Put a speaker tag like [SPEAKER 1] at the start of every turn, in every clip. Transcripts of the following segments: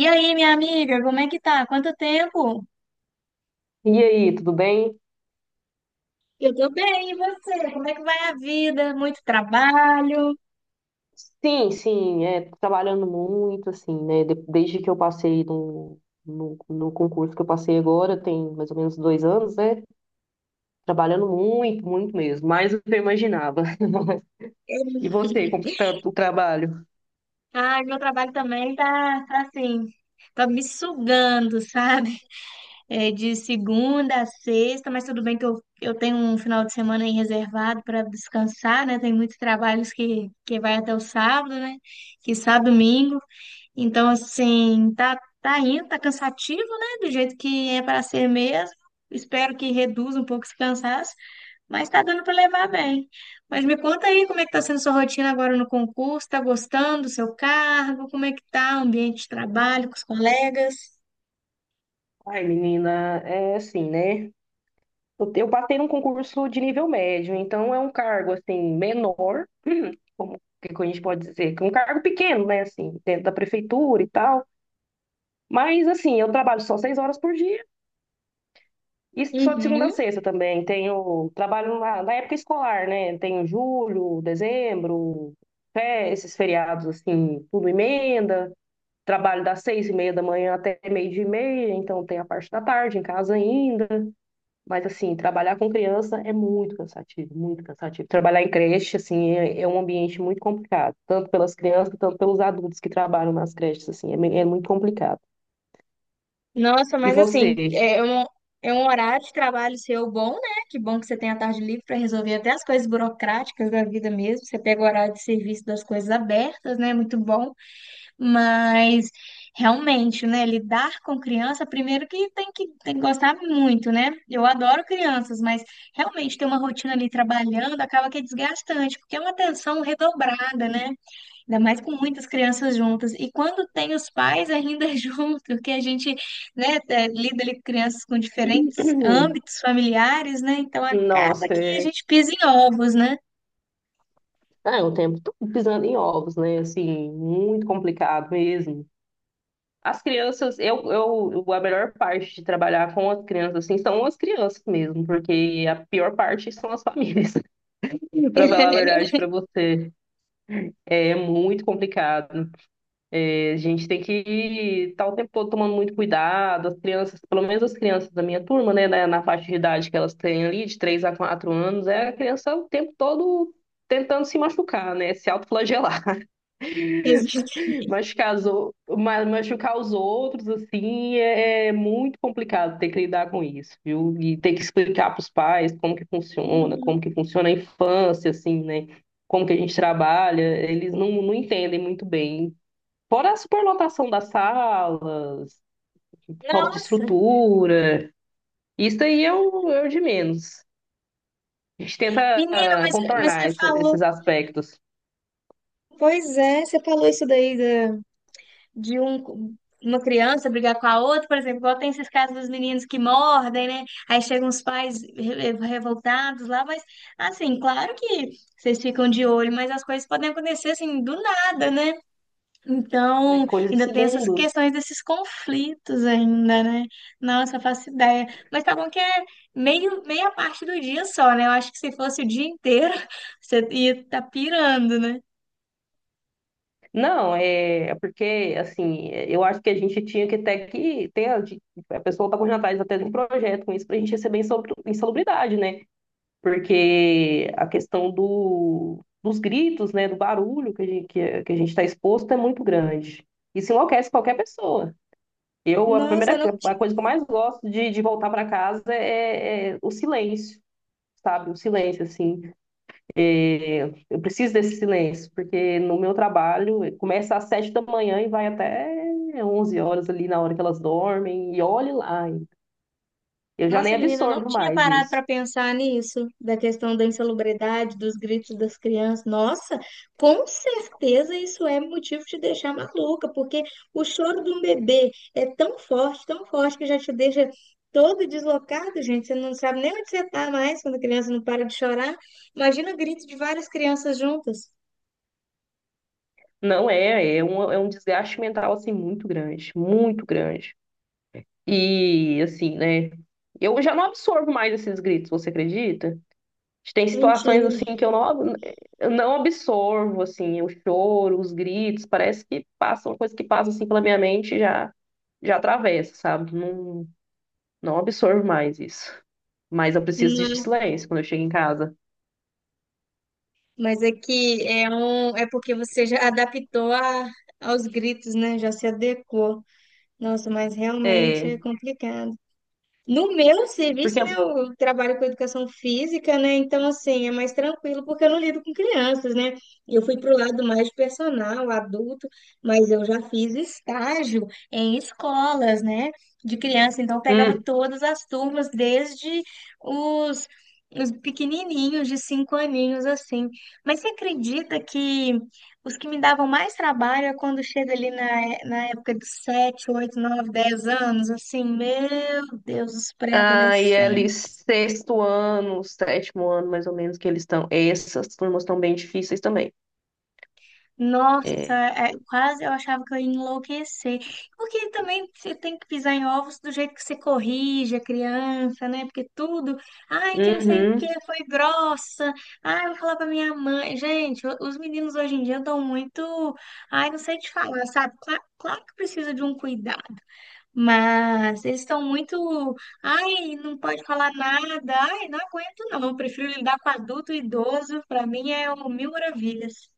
[SPEAKER 1] E aí, minha amiga, como é que tá? Quanto tempo?
[SPEAKER 2] E aí, tudo bem?
[SPEAKER 1] Eu tô bem, e você? Como é que vai a vida? Muito trabalho?
[SPEAKER 2] Sim, sim, é, tô trabalhando muito, assim, né? Desde que eu passei no concurso que eu passei agora, tem mais ou menos 2 anos, né? Trabalhando muito, muito mesmo, mais do que eu imaginava. E você, como que tá o trabalho?
[SPEAKER 1] Ai, meu trabalho também tá assim, tá me sugando, sabe? É de segunda a sexta, mas tudo bem que eu tenho um final de semana aí reservado para descansar, né? Tem muitos trabalhos que vai até o sábado, né? Que sábado, domingo. Então, assim, tá indo, tá cansativo, né? Do jeito que é para ser mesmo. Espero que reduza um pouco esse cansaço, mas tá dando para levar bem. Mas me conta aí como é que tá sendo sua rotina agora no concurso, tá gostando do seu cargo, como é que tá o ambiente de trabalho com os colegas?
[SPEAKER 2] Ai, menina, é assim, né? Eu passei num concurso de nível médio, então é um cargo, assim, menor, como que a gente pode dizer, que é um cargo pequeno, né? Assim, dentro da prefeitura e tal. Mas, assim, eu trabalho só 6 horas por dia. Isso só de segunda
[SPEAKER 1] Uhum.
[SPEAKER 2] a sexta também. Tenho trabalho na época escolar, né? Tenho julho, dezembro, fé, esses feriados assim, tudo emenda. Trabalho das 6h30 da manhã até meio-dia e meia, então tem a parte da tarde em casa ainda. Mas assim, trabalhar com criança é muito cansativo, muito cansativo. Trabalhar em creche, assim, é um ambiente muito complicado, tanto pelas crianças, tanto pelos adultos que trabalham nas creches, assim, é muito complicado.
[SPEAKER 1] Nossa,
[SPEAKER 2] E
[SPEAKER 1] mas assim,
[SPEAKER 2] você?
[SPEAKER 1] é um horário de trabalho seu bom, né? Que bom que você tem a tarde livre para resolver até as coisas burocráticas da vida mesmo. Você pega o horário de serviço das coisas abertas, né? Muito bom. Mas realmente, né, lidar com criança, primeiro que tem que gostar muito, né? Eu adoro crianças, mas realmente ter uma rotina ali trabalhando acaba que é desgastante, porque é uma atenção redobrada, né? Ainda mais com muitas crianças juntas. E quando tem os pais ainda junto, que a gente, né, é, lida ali com crianças com diferentes âmbitos familiares, né? Então acaba
[SPEAKER 2] Nossa,
[SPEAKER 1] que a gente pisa em ovos, né?
[SPEAKER 2] ah, é um tempo todo pisando em ovos, né? Assim, muito complicado mesmo. As crianças, a melhor parte de trabalhar com as crianças, assim, são as crianças mesmo, porque a pior parte são as famílias. Para falar a verdade para você. É muito complicado. É, a gente tem que estar o tempo todo tomando muito cuidado. As crianças, pelo menos as crianças da minha turma, né, na faixa de idade que elas têm ali, de 3 a 4 anos, é a criança o tempo todo tentando se machucar, né? Se autoflagelar.
[SPEAKER 1] Exato.
[SPEAKER 2] Machucar, machucar os outros, assim, é muito complicado ter que lidar com isso, viu? E ter que explicar para os pais como que funciona a infância, assim, né? Como que a gente trabalha, eles não entendem muito bem. Fora a superlotação das salas, falta de
[SPEAKER 1] Nossa,
[SPEAKER 2] estrutura, isso aí é o de menos. A gente tenta
[SPEAKER 1] menina, mas você
[SPEAKER 2] contornar
[SPEAKER 1] falou.
[SPEAKER 2] esses aspectos,
[SPEAKER 1] Pois é, você falou isso daí de um, uma criança brigar com a outra, por exemplo, igual tem esses casos dos meninos que mordem, né? Aí chegam os pais revoltados lá, mas assim, claro que vocês ficam de olho, mas as coisas podem acontecer assim do nada, né?
[SPEAKER 2] né?
[SPEAKER 1] Então,
[SPEAKER 2] Coisa de
[SPEAKER 1] ainda tem essas
[SPEAKER 2] segundos.
[SPEAKER 1] questões desses conflitos ainda, né? Nossa, eu faço ideia. Mas tá bom que é meia parte do dia só, né? Eu acho que se fosse o dia inteiro, você ia estar pirando, né?
[SPEAKER 2] Não, é porque, assim, eu acho que a gente tinha que até que ter, a pessoa está correndo atrás até de um projeto com isso para a gente receber insalubridade, né? Porque a questão dos gritos, né, do barulho que a gente está exposto é muito grande. Isso enlouquece qualquer pessoa. Eu, a
[SPEAKER 1] Nossa, eu
[SPEAKER 2] primeira,
[SPEAKER 1] não
[SPEAKER 2] a
[SPEAKER 1] tinha
[SPEAKER 2] coisa que eu mais gosto de voltar para casa é o silêncio, sabe? O silêncio, assim. É, eu preciso desse silêncio, porque no meu trabalho começa às 7 da manhã e vai até 11 horas ali na hora que elas dormem, e olhe lá. Eu já nem
[SPEAKER 1] Nossa, menina, eu não
[SPEAKER 2] absorvo
[SPEAKER 1] tinha
[SPEAKER 2] mais
[SPEAKER 1] parado
[SPEAKER 2] isso.
[SPEAKER 1] para pensar nisso, da questão da insalubridade, dos gritos das crianças. Nossa, com certeza isso é motivo de deixar maluca, porque o choro de um bebê é tão forte, que já te deixa todo deslocado, gente. Você não sabe nem onde você está mais quando a criança não para de chorar. Imagina o grito de várias crianças juntas.
[SPEAKER 2] Não, é um desgaste mental assim muito grande, muito grande. E assim, né? Eu já não absorvo mais esses gritos, você acredita? Tem situações
[SPEAKER 1] Mentira.
[SPEAKER 2] assim que eu não absorvo, assim, o choro, os gritos, parece que passa uma coisa que passa assim pela minha mente e já já atravessa, sabe? Não, não absorvo mais isso. Mas eu preciso de
[SPEAKER 1] Não,
[SPEAKER 2] silêncio quando eu chego em casa.
[SPEAKER 1] mas é que é porque você já adaptou aos gritos, né? Já se adequou. Nossa, mas realmente
[SPEAKER 2] É,
[SPEAKER 1] é complicado. No meu serviço,
[SPEAKER 2] porque
[SPEAKER 1] né, eu trabalho com educação física, né? Então, assim, é mais tranquilo porque eu não lido com crianças, né? Eu fui pro lado mais personal, adulto, mas eu já fiz estágio em escolas, né, de criança. Então, eu pegava
[SPEAKER 2] hum,
[SPEAKER 1] todas as turmas, desde os, os pequenininhos, de 5 aninhos, assim. Mas você acredita que os que me davam mais trabalho é quando chega ali na época de 7, 8, 9, 10 anos, assim, meu Deus, os
[SPEAKER 2] aí é ali
[SPEAKER 1] pré-adolescentes.
[SPEAKER 2] sexto ano, sétimo ano, mais ou menos, que eles estão. Essas turmas estão bem difíceis também.
[SPEAKER 1] Nossa,
[SPEAKER 2] É.
[SPEAKER 1] é, quase eu achava que eu ia enlouquecer. Porque também você tem que pisar em ovos do jeito que você corrige a criança, né? Porque tudo, ai, que não sei o que,
[SPEAKER 2] Uhum.
[SPEAKER 1] foi grossa, ai, eu vou falar pra minha mãe. Gente, os meninos hoje em dia dão muito, ai, não sei te falar, sabe? Claro, que precisa de um cuidado. Mas eles estão muito, ai, não pode falar nada, ai, não aguento não, eu prefiro lidar com adulto e idoso, para mim é o mil maravilhas.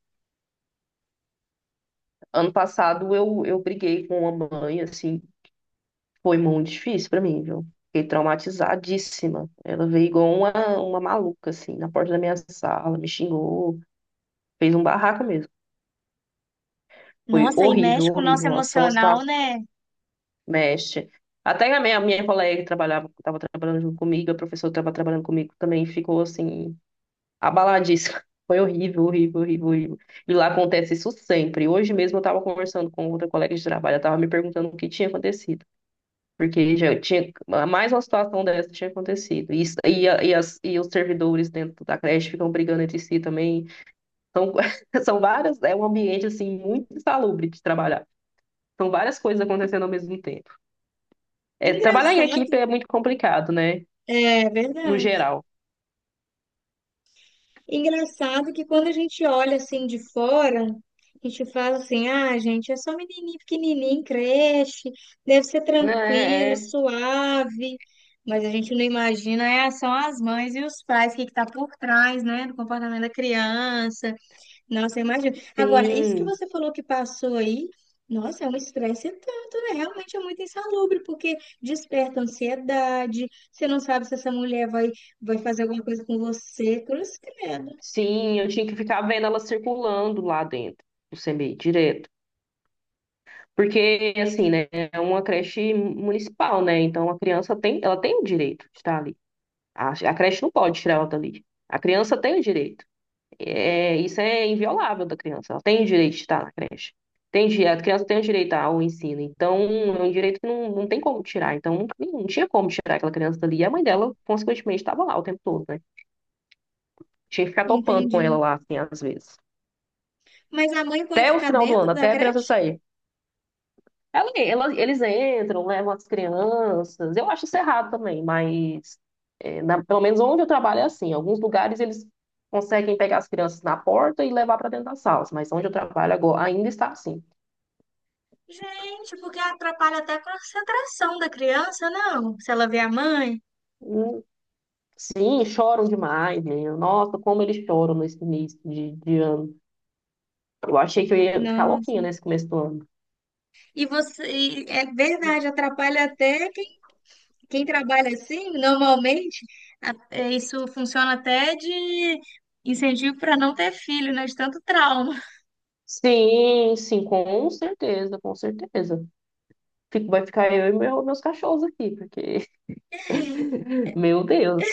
[SPEAKER 2] Ano passado eu briguei com uma mãe, assim. Foi muito difícil pra mim, viu? Fiquei traumatizadíssima. Ela veio igual uma maluca, assim, na porta da minha sala, me xingou, fez um barraco mesmo. Foi
[SPEAKER 1] Nossa, e
[SPEAKER 2] horrível,
[SPEAKER 1] mexe com o nosso
[SPEAKER 2] horrível. Nossa, são as
[SPEAKER 1] emocional,
[SPEAKER 2] situações situação
[SPEAKER 1] né?
[SPEAKER 2] mexe. Até a minha colega que trabalhava, estava trabalhando junto comigo, a professora que estava trabalhando comigo também ficou, assim, abaladíssima. Foi horrível, horrível, horrível, horrível. E lá acontece isso sempre. Hoje mesmo eu estava conversando com outra colega de trabalho, ela estava me perguntando o que tinha acontecido. Porque já tinha mais uma situação dessa tinha acontecido. E, os servidores dentro da creche ficam brigando entre si também. São, são várias, é um ambiente assim muito insalubre de trabalhar. São várias coisas acontecendo ao mesmo tempo. É, trabalhar em equipe
[SPEAKER 1] Engraçado.
[SPEAKER 2] é muito complicado, né?
[SPEAKER 1] É
[SPEAKER 2] No
[SPEAKER 1] verdade.
[SPEAKER 2] geral.
[SPEAKER 1] Engraçado que quando a gente olha assim de fora, a gente fala assim: ah, gente, é só menininho pequenininho, creche, deve ser
[SPEAKER 2] É,
[SPEAKER 1] tranquilo,
[SPEAKER 2] é.
[SPEAKER 1] suave. Mas a gente não imagina, é, são as mães e os pais, o que que tá por trás, né, do comportamento da criança. Nossa, imagina. Agora, isso que
[SPEAKER 2] Sim,
[SPEAKER 1] você falou que passou aí, nossa, é um estresse tanto, né? Realmente é muito insalubre, porque desperta ansiedade, você não sabe se essa mulher vai fazer alguma coisa com você, cruz credo.
[SPEAKER 2] sim, eu tinha que ficar vendo ela circulando lá dentro do CMEI, direto. Porque, assim, né, é uma creche municipal, né? Então a criança tem, ela tem o direito de estar ali. A creche não pode tirar ela dali. A criança tem o direito. É, isso é inviolável da criança. Ela tem o direito de estar na creche. A criança tem o direito ao ensino. Então, é um direito que não tem como tirar. Então, não, não tinha como tirar aquela criança dali. E a mãe dela, consequentemente, estava lá o tempo todo, né? Tinha que ficar topando com ela
[SPEAKER 1] Entendi.
[SPEAKER 2] lá, assim, às vezes.
[SPEAKER 1] Mas a mãe pode
[SPEAKER 2] Até o
[SPEAKER 1] ficar
[SPEAKER 2] final do
[SPEAKER 1] dentro
[SPEAKER 2] ano,
[SPEAKER 1] da
[SPEAKER 2] até a criança
[SPEAKER 1] creche?
[SPEAKER 2] sair. Eles entram, levam as crianças. Eu acho isso errado também, mas pelo menos onde eu trabalho é assim. Em alguns lugares eles conseguem pegar as crianças na porta e levar para dentro das salas, mas onde eu trabalho agora ainda está assim.
[SPEAKER 1] Gente, porque atrapalha até a concentração da criança, não? Se ela vê a mãe.
[SPEAKER 2] Hum, Sim, choram demais, menino. Nossa, como eles choram nesse início de ano. Eu achei que eu ia ficar louquinha
[SPEAKER 1] Nossa.
[SPEAKER 2] nesse começo do ano.
[SPEAKER 1] E você, e é verdade, atrapalha até quem trabalha assim, normalmente. É, isso funciona até de incentivo para não ter filho, né? De tanto trauma.
[SPEAKER 2] Sim, sim, com certeza, com certeza. Vai ficar eu e meus cachorros aqui, porque, meu Deus.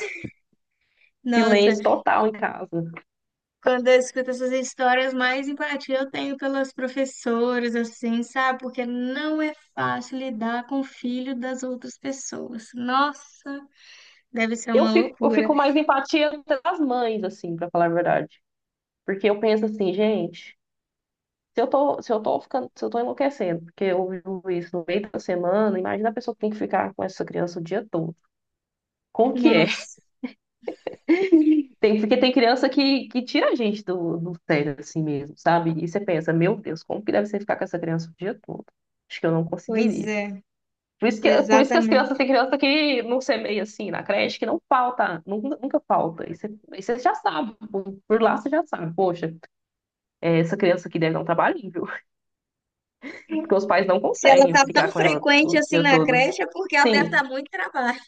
[SPEAKER 1] Nossa,
[SPEAKER 2] Silêncio total em casa.
[SPEAKER 1] quando eu escuto essas histórias, mais empatia eu tenho pelas professoras, assim, sabe? Porque não é fácil lidar com o filho das outras pessoas. Nossa, deve ser
[SPEAKER 2] Eu
[SPEAKER 1] uma
[SPEAKER 2] fico, eu
[SPEAKER 1] loucura.
[SPEAKER 2] fico mais empatia das mães, assim, pra falar a verdade. Porque eu penso assim, gente, se eu tô enlouquecendo, porque eu vivo isso no meio da semana, imagina a pessoa que tem que ficar com essa criança o dia todo. Como que é?
[SPEAKER 1] Nossa,
[SPEAKER 2] Tem, porque tem criança que tira a gente do sério, assim mesmo, sabe? E você pensa, meu Deus, como que deve ser ficar com essa criança o dia todo? Acho que eu não
[SPEAKER 1] pois
[SPEAKER 2] conseguiria.
[SPEAKER 1] é,
[SPEAKER 2] Por isso que as crianças,
[SPEAKER 1] exatamente.
[SPEAKER 2] tem criança que não semeia assim na creche, que não falta, nunca, nunca falta. E você já sabe, por lá você já sabe, poxa, essa criança aqui deve dar um trabalhinho, viu? Porque os pais não
[SPEAKER 1] Se ela
[SPEAKER 2] conseguem
[SPEAKER 1] tá
[SPEAKER 2] ficar
[SPEAKER 1] tão
[SPEAKER 2] com ela
[SPEAKER 1] frequente
[SPEAKER 2] o
[SPEAKER 1] assim
[SPEAKER 2] dia
[SPEAKER 1] na
[SPEAKER 2] todo.
[SPEAKER 1] creche, é porque ela deve
[SPEAKER 2] Sim,
[SPEAKER 1] estar muito trabalho.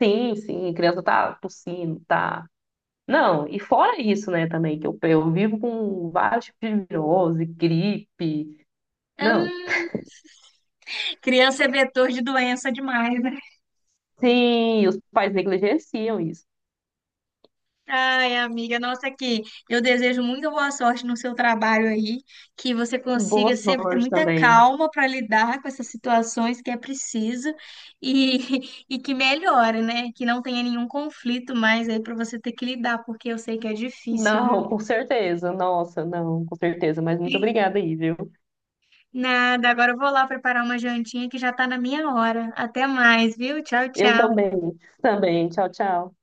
[SPEAKER 2] sim, sim, a criança tá tossindo, tá. Não, e fora isso, né, também, que eu vivo com vários tipos de virose, gripe. Não,
[SPEAKER 1] Hum, criança é vetor de doença demais, né?
[SPEAKER 2] sim, os pais negligenciam isso.
[SPEAKER 1] Ai, amiga, nossa, que eu desejo muita boa sorte no seu trabalho aí, que você
[SPEAKER 2] Boa
[SPEAKER 1] consiga sempre ter
[SPEAKER 2] sorte
[SPEAKER 1] muita
[SPEAKER 2] também.
[SPEAKER 1] calma para lidar com essas situações que é preciso e, e que melhore, né? Que não tenha nenhum conflito mais aí para você ter que lidar, porque eu sei que é difícil, viu?
[SPEAKER 2] Não, com certeza. Nossa, não, com certeza. Mas muito obrigada aí, viu?
[SPEAKER 1] Nada, agora eu vou lá preparar uma jantinha que já tá na minha hora. Até mais, viu? Tchau,
[SPEAKER 2] Eu
[SPEAKER 1] tchau.
[SPEAKER 2] também. Também. Tchau, tchau.